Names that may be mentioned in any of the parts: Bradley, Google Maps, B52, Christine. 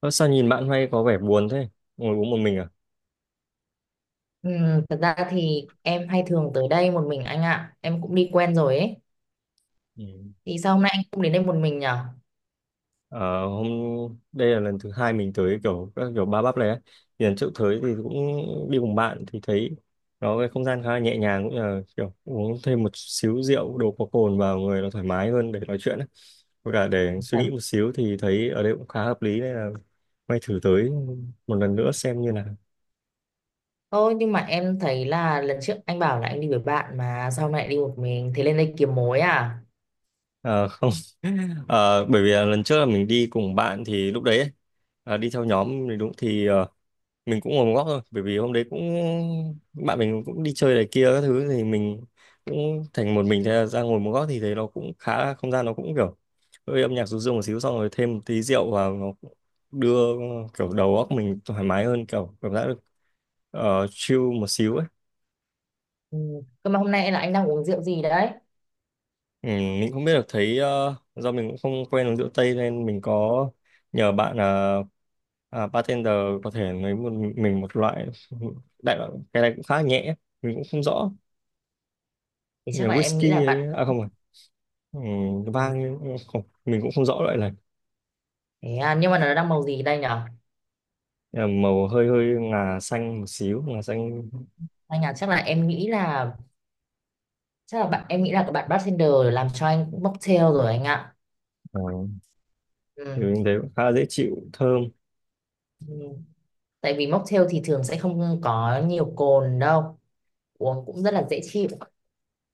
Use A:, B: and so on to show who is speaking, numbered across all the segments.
A: Ơ, sao nhìn bạn hay có vẻ buồn thế? Ngồi uống một mình à?
B: Ừ, thật ra thì em hay thường tới đây một mình anh ạ. Em cũng đi quen rồi ấy.
A: Ừ.
B: Thì sao hôm nay anh cũng đến đây một mình nhở?
A: Ờ, Hôm đây là lần thứ hai mình tới kiểu các kiểu ba bắp này ấy. Thì lần trước tới thì cũng đi cùng bạn thì thấy nó cái không gian khá là nhẹ nhàng, cũng như là kiểu uống thêm một xíu rượu, đồ có cồn vào người nó thoải mái hơn để nói chuyện ấy. Với cả để suy
B: Phải-
A: nghĩ một xíu thì thấy ở đây cũng khá hợp lý, nên là may thử tới một lần nữa xem như nào.
B: Thôi nhưng mà em thấy là lần trước anh bảo là anh đi với bạn. Mà sao hôm nay lại đi một mình? Thế lên đây kiếm mối à?
A: Ờ, Không. Bởi vì là lần trước là mình đi cùng bạn thì lúc đấy ấy, à, đi theo nhóm thì đúng, thì mình cũng ngồi một góc thôi, bởi vì hôm đấy cũng bạn mình cũng đi chơi này kia các thứ thì mình cũng thành một mình, ra ngồi một góc, thì thấy nó cũng khá là không gian nó cũng kiểu hơi âm nhạc ru rương một xíu, xong rồi thêm một tí rượu vào nó cũng đưa kiểu đầu óc mình thoải mái hơn, kiểu cảm giác được chill một xíu ấy.
B: Ừ. Cơ mà hôm nay là anh đang uống rượu gì đấy?
A: Ừ, mình không biết được, thấy do mình cũng không quen uống rượu tây nên mình có nhờ bạn là à, bartender có thể lấy một mình một loại, đại loại cái này cũng khá nhẹ, mình cũng không rõ,
B: Thì
A: nhà
B: chắc là em nghĩ là
A: whisky
B: bạn.
A: ấy. À không rồi, ừ,
B: Ừ.
A: vang. Không, mình cũng không rõ loại này.
B: Thế à, nhưng mà nó đang màu gì đây nhở?
A: Nhưng màu hơi hơi ngà xanh một xíu, ngà xanh.
B: Anh à, chắc là em nghĩ là, chắc là bạn em nghĩ là các bạn bartender làm cho anh mocktail rồi anh ạ.
A: ờ,
B: Ừ.
A: thì mình thấy cũng khá là dễ chịu, thơm.
B: Ừ. Tại vì mocktail thì thường sẽ không có nhiều cồn đâu, uống cũng rất là dễ chịu.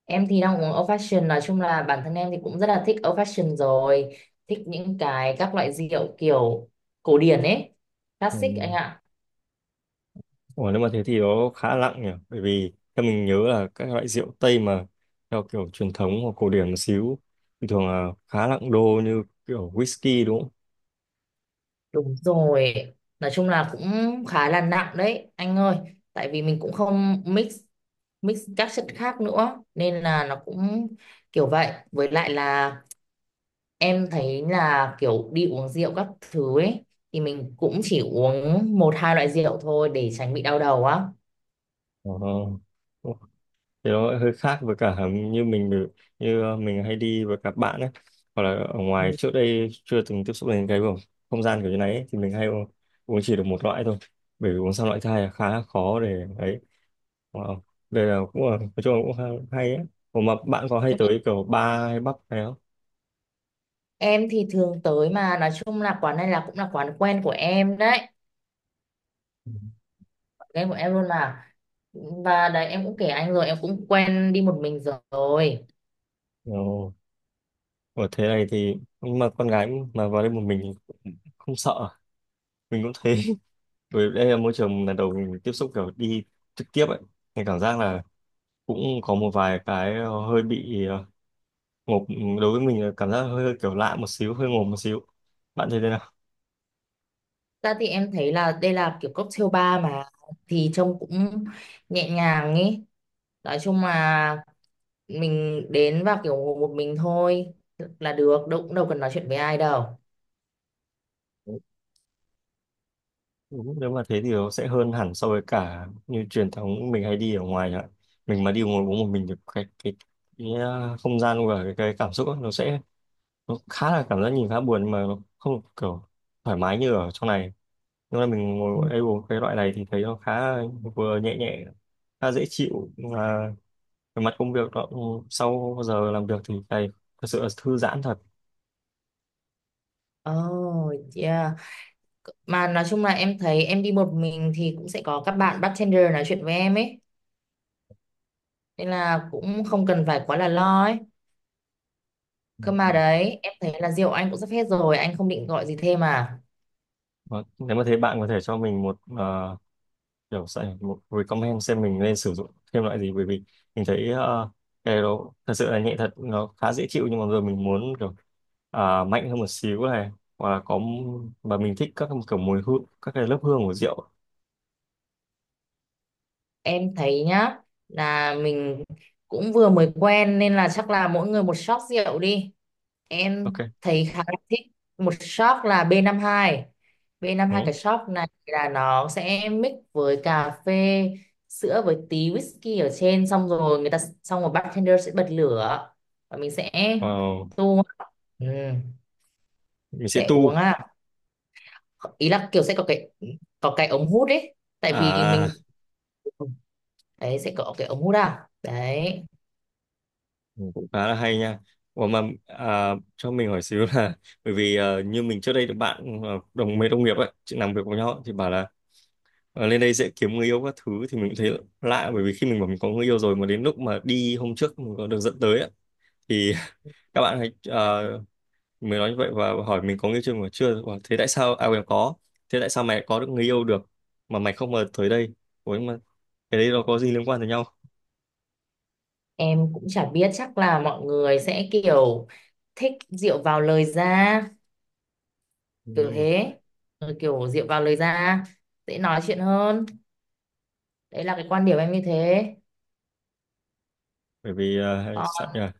B: Em thì đang uống old fashion, nói chung là bản thân em thì cũng rất là thích old fashion rồi, thích những cái các loại rượu kiểu cổ điển ấy,
A: Ừ.
B: classic anh ạ.
A: Ủa, nếu mà thế thì nó khá nặng nhỉ, bởi vì theo mình nhớ là các loại rượu Tây mà theo kiểu truyền thống hoặc cổ điển một xíu thì thường là khá nặng đô, như kiểu whisky đúng không?
B: Đúng rồi, nói chung là cũng khá là nặng đấy anh ơi. Tại vì mình cũng không mix mix các chất khác nữa nên là nó cũng kiểu vậy. Với lại là em thấy là kiểu đi uống rượu các thứ ấy thì mình cũng chỉ uống một hai loại rượu thôi để tránh bị đau đầu á.
A: Ờ, thì nó hơi khác với cả như như mình hay đi với các bạn ấy, hoặc là ở ngoài
B: Ừ.
A: trước đây chưa từng tiếp xúc đến cái không không gian kiểu như này ấy, thì mình uống chỉ được một loại thôi, bởi vì uống sang loại thứ hai là khá khó để ấy. Wow. Đây là cũng là, nói chung là cũng hay ấy. Ủa mà bạn có hay tới kiểu bar hay pub hay không?
B: Em thì thường tới, mà nói chung là quán này là cũng là quán quen của em đấy,
A: Ừ.
B: quán quen của em luôn mà. Và đấy em cũng kể anh rồi, em cũng quen đi một mình rồi.
A: Ồ, ở thế này thì, nhưng mà con gái mà vào đây một mình thì cũng không sợ, mình cũng thế. Bởi vì đây là môi trường lần đầu mình tiếp xúc kiểu đi trực tiếp ấy, mình cảm giác là cũng có một vài cái hơi bị ngộp, đối với mình là cảm giác hơi kiểu lạ một xíu, hơi ngộp một xíu. Bạn thấy thế nào?
B: Ra thì em thấy là đây là kiểu cocktail bar mà, thì trông cũng nhẹ nhàng ấy. Nói chung là mình đến và kiểu ngồi một mình thôi là được, đâu cũng đâu cần nói chuyện với ai đâu.
A: Đúng, nếu mà thế thì nó sẽ hơn hẳn so với cả như truyền thống mình hay đi ở ngoài ạ. Mình mà đi ngồi uống một mình thì cái không gian và cái cảm xúc ấy, nó sẽ, nó khá là cảm giác nhìn khá buồn, nhưng mà nó không kiểu thoải mái như ở trong này. Nhưng mà mình ngồi
B: Ừ.
A: đây uống cái loại này thì thấy nó khá vừa nhẹ nhẹ, khá dễ chịu. Về mặt công việc đó, ừ, sau giờ làm việc thì thầy thật sự là thư giãn thật.
B: Oh, yeah. Mà nói chung là em thấy em đi một mình thì cũng sẽ có các bạn bartender nói chuyện với em ấy, nên là cũng không cần phải quá là lo ấy. Cơ mà
A: Ừ.
B: đấy em thấy là rượu anh cũng sắp hết rồi, anh không định gọi gì thêm à?
A: Và nếu mà thấy bạn có thể cho mình một kiểu sẽ một recommend xem mình nên sử dụng thêm loại gì, bởi vì mình thấy cái đó thật sự là nhẹ thật, nó khá dễ chịu, nhưng mà rồi mình muốn kiểu mạnh hơn một xíu này, hoặc là có, và mình thích các kiểu mùi hương, các cái lớp hương của rượu.
B: Em thấy nhá, là mình cũng vừa mới quen nên là chắc là mỗi người một shot rượu đi,
A: Ok.
B: em thấy khá là thích. Một shot là B52. B52
A: Ừ.
B: cái shot này là nó sẽ mix với cà phê sữa với tí whisky ở trên, xong rồi người ta, xong rồi bartender sẽ bật lửa và mình sẽ
A: Ờ,
B: tu. Ừ,
A: mình sẽ
B: sẽ uống
A: tu.
B: à, ý là kiểu sẽ có cái, có cái ống hút ấy, tại vì
A: À.
B: mình, đấy sẽ có cái ống hút à, đấy.
A: Ừ, cũng khá là hay nha. Ủa mà à, cho mình hỏi xíu là, bởi vì như mình trước đây được bạn mấy đồng nghiệp ấy chị làm việc với nhau thì bảo là lên đây dễ kiếm người yêu các thứ, thì mình cũng thấy lạ, bởi vì khi mình bảo mình có người yêu rồi mà đến lúc mà đi hôm trước mình có được dẫn tới ấy, thì các bạn hãy mới nói như vậy và hỏi mình có người yêu chưa, mà chưa bảo, thế tại sao mày có được người yêu được mà mày không mà tới đây. Ủa nhưng mà cái đấy nó có gì liên quan tới nhau?
B: Em cũng chả biết, chắc là mọi người sẽ kiểu thích rượu vào lời ra,
A: Ừ,
B: kiểu thế. Ừ, kiểu rượu vào lời ra dễ nói chuyện hơn, đấy là cái quan điểm em như thế.
A: bởi vì
B: Ờ,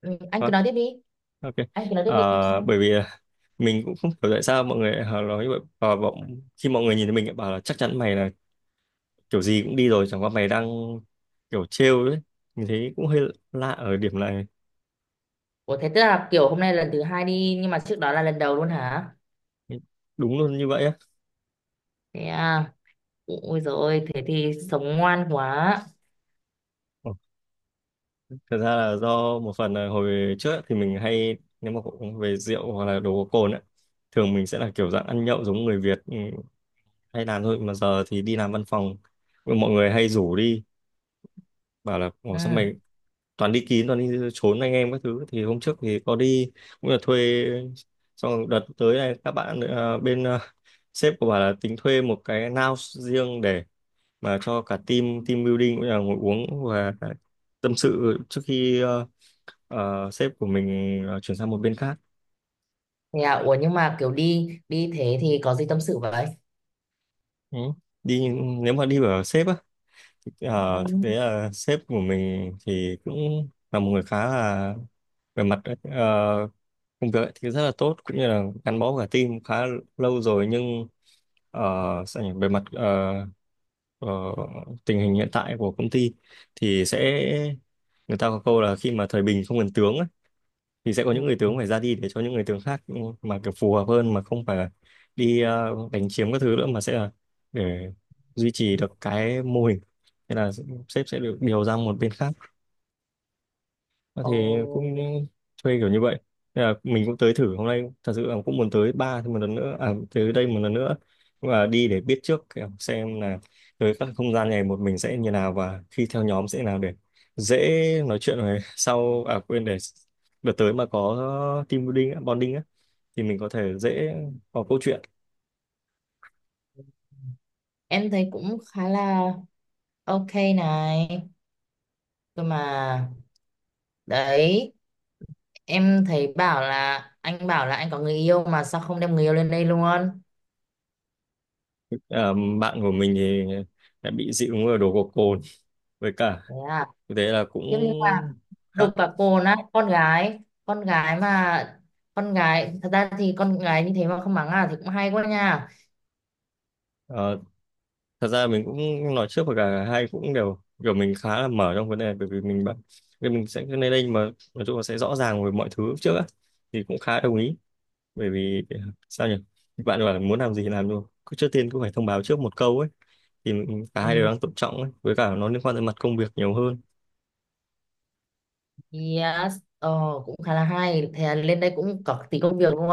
B: ừ, anh cứ nói tiếp đi,
A: ok.
B: anh cứ nói tiếp
A: Ờ,
B: đi em xin.
A: Bởi vì à, mình cũng không hiểu tại sao mọi người họ nói như vậy, và bọn khi mọi người nhìn thấy mình lại bảo là chắc chắn mày là kiểu gì cũng đi rồi, chẳng qua mày đang kiểu trêu đấy. Mình thấy cũng hơi lạ ở điểm này.
B: Ủa thế tức là kiểu hôm nay lần thứ hai đi, nhưng mà trước đó là lần đầu luôn hả?
A: Đúng luôn như vậy á.
B: Thế à? Ôi rồi, thế thì sống ngoan quá.
A: Ờ, Thật ra là do một phần là hồi trước ấy, thì mình hay nếu mà cũng về rượu hoặc là đồ có cồn ấy, thường mình sẽ là kiểu dạng ăn nhậu giống người Việt, ừ, hay làm thôi, mà giờ thì đi làm văn phòng, mọi người hay rủ đi, bảo là ồ, sao
B: Ừ.
A: mày toàn đi kín, toàn đi trốn anh em các thứ. Thì hôm trước thì có đi, cũng là thuê, xong rồi đợt tới này các bạn bên sếp của bà là tính thuê một cái lounge riêng để mà cho cả team, team building, cũng là ngồi uống và tâm sự trước khi sếp của mình chuyển sang một bên khác.
B: Thế à? Ủa nhưng mà kiểu đi đi thế thì có gì tâm sự vậy?
A: Ừ. Đi, nếu mà đi ở sếp á. Thực
B: Vâng.
A: tế là sếp của mình thì cũng là một người khá là, về mặt công việc ấy thì rất là tốt, cũng như là gắn bó cả team khá lâu rồi, nhưng ờ, sao nhỉ? Về mặt ờ, tình hình hiện tại của công ty thì sẽ, người ta có câu là khi mà thời bình không cần tướng ấy, thì sẽ có những người tướng phải ra đi để cho những người tướng khác, ừ, mà kiểu phù hợp hơn, mà không phải là đi đánh chiếm các thứ nữa, mà sẽ là để duy trì được cái mô hình. Thế là sếp sẽ được điều ra một bên khác. Ờ,
B: Ồ.
A: thì cũng thuê kiểu như vậy. Nên là mình cũng tới thử hôm nay, thật sự là cũng muốn tới ba thêm một lần nữa, à, tới đây một lần nữa, và đi để biết trước kiểu xem là tới các không gian này một mình sẽ như nào, và khi theo nhóm sẽ nào, để dễ nói chuyện rồi sau, à quên, để đợt tới mà có team building á, bonding á, thì mình có thể dễ có câu chuyện.
B: Em thấy cũng khá là ok này. Cơ mà đấy, em thấy bảo là anh có người yêu, mà sao không đem người yêu lên đây luôn?
A: À, bạn của mình thì đã bị dị ứng ở đồ gộc cồn, với cả
B: Thế à,
A: thế là cũng
B: tiếp như là đục
A: khác.
B: cả cồn á, con gái mà, con gái thật ra thì con gái như thế mà không mắng à thì cũng hay quá nha.
A: Ờ, Thật ra mình cũng nói trước, và cả hai cũng đều kiểu mình khá là mở trong vấn đề này, bởi vì mình bận nên mình sẽ cứ lên đây mà nói chung là sẽ rõ ràng về mọi thứ trước á, thì cũng khá đồng ý, bởi vì sao nhỉ, bạn bảo là muốn làm gì thì làm luôn, cứ trước tiên cũng phải thông báo trước một câu ấy, thì cả hai đều
B: Ừ,
A: đang tôn trọng ấy, với cả nó liên quan tới mặt công việc nhiều hơn.
B: yes, ờ, cũng khá là hay. Thế là lên đây cũng có tí công việc luôn.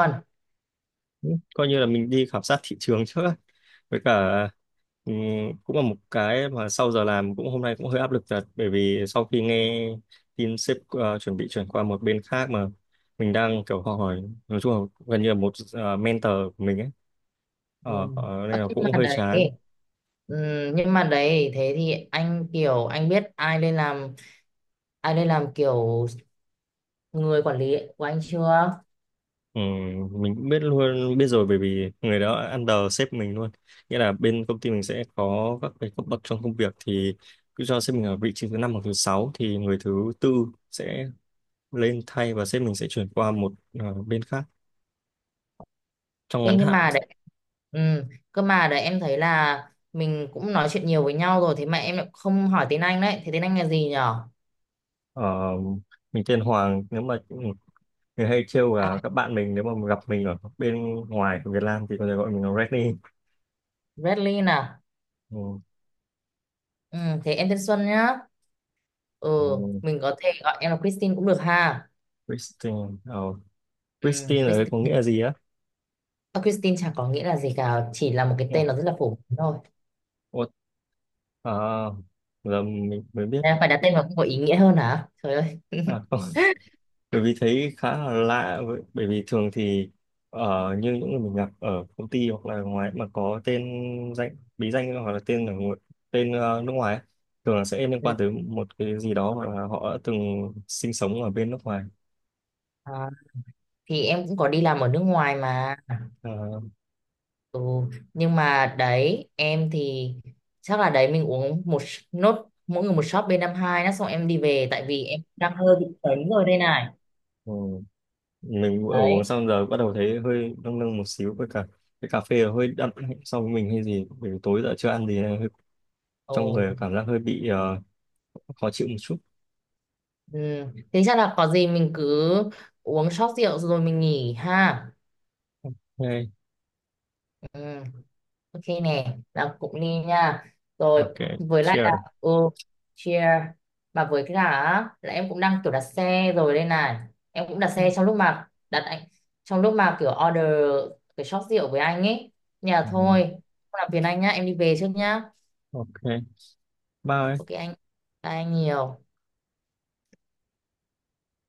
A: Ừ, coi như là mình đi khảo sát thị trường trước á. Với cả ừm, cũng là một cái mà sau giờ làm, cũng hôm nay cũng hơi áp lực thật, bởi vì sau khi nghe tin sếp chuẩn bị chuyển qua một bên khác, mà mình đang kiểu học hỏi, nói chung là gần như là một mentor của mình ấy.
B: Ừ. Ờ,
A: Nên là
B: nhưng
A: cũng
B: mà
A: hơi
B: đấy,
A: chán.
B: ừ, nhưng mà đấy thế thì anh kiểu anh biết ai lên làm, ai lên làm kiểu người quản lý của anh chưa?
A: Mình cũng biết luôn, biết rồi, bởi vì người đó under sếp mình luôn. Nghĩa là bên công ty mình sẽ có các cái cấp bậc trong công việc, thì cứ cho sếp mình ở vị trí thứ năm hoặc thứ sáu, thì người thứ tư sẽ lên thay và sếp mình sẽ chuyển qua một bên khác, trong
B: Ê,
A: ngắn
B: nhưng
A: hạn.
B: mà đấy, ừ, cơ mà đấy em thấy là mình cũng nói chuyện nhiều với nhau rồi, thế mà em lại không hỏi tên anh đấy, thế tên anh là gì nhở?
A: ờ, mình tên Hoàng, nếu mà người hay trêu là
B: À,
A: các bạn mình nếu mà gặp mình ở bên ngoài của Việt Nam thì có thể gọi mình là Reddy.
B: Bradley nè.
A: Ừ.
B: Ừ, thế em tên Xuân nhá.
A: Ừ,
B: Ừ, mình có thể gọi em là Christine cũng được ha.
A: Christine. ờ,
B: Ừ,
A: Christine ở đây có nghĩa
B: Christine.
A: là gì á?
B: À, Christine chẳng có nghĩa là gì cả, chỉ là một cái
A: Ừ.
B: tên nó rất là phổ biến thôi.
A: Ủa, à, giờ mình mới biết.
B: À, phải đặt tên vào cũng có ý nghĩa hơn hả? Trời ơi.
A: À, không. Bởi vì thấy khá là lạ bởi vì thường thì ở như những người mình gặp ở công ty hoặc là ngoài mà có tên danh, bí danh hoặc là tên ở tên nước ngoài ấy, thường là sẽ liên
B: Ừ.
A: quan tới một cái gì đó hoặc là họ đã từng sinh sống ở bên nước ngoài.
B: Ờ, thì em cũng có đi làm ở nước ngoài mà.
A: Ờ,
B: Ừ. Nhưng mà đấy, em thì chắc là đấy mình uống nốt mỗi người một shot b hai đó xong em đi về, tại vì em đang hơi bị sấn rồi đây này.
A: ừ. Mình vừa
B: Đấy.
A: uống xong giờ bắt đầu thấy hơi nâng nâng một xíu, với cả cái cà phê hơi đậm so với mình hay gì, bởi vì tối giờ chưa ăn gì nên hơi, trong
B: Ồ.
A: người cảm giác hơi bị khó chịu một chút.
B: Ừ. Thế chắc là có gì mình cứ uống shot rượu rồi mình nghỉ ha.
A: Ok.
B: Ừ. Ok nè, là cụng ly nha. Rồi,
A: Ok.
B: với lại là,
A: Cheers.
B: ừ, cheer. Mà với cái cả á, là em cũng đang kiểu đặt xe rồi đây này. Em cũng đặt xe trong lúc mà đặt anh, trong lúc mà kiểu order cái shop rượu với anh ấy. Nhà
A: Ừ.
B: thôi. Không làm phiền anh nhá, em đi về trước nhá.
A: Ok. Ba ơi.
B: Ok anh. Bye anh nhiều.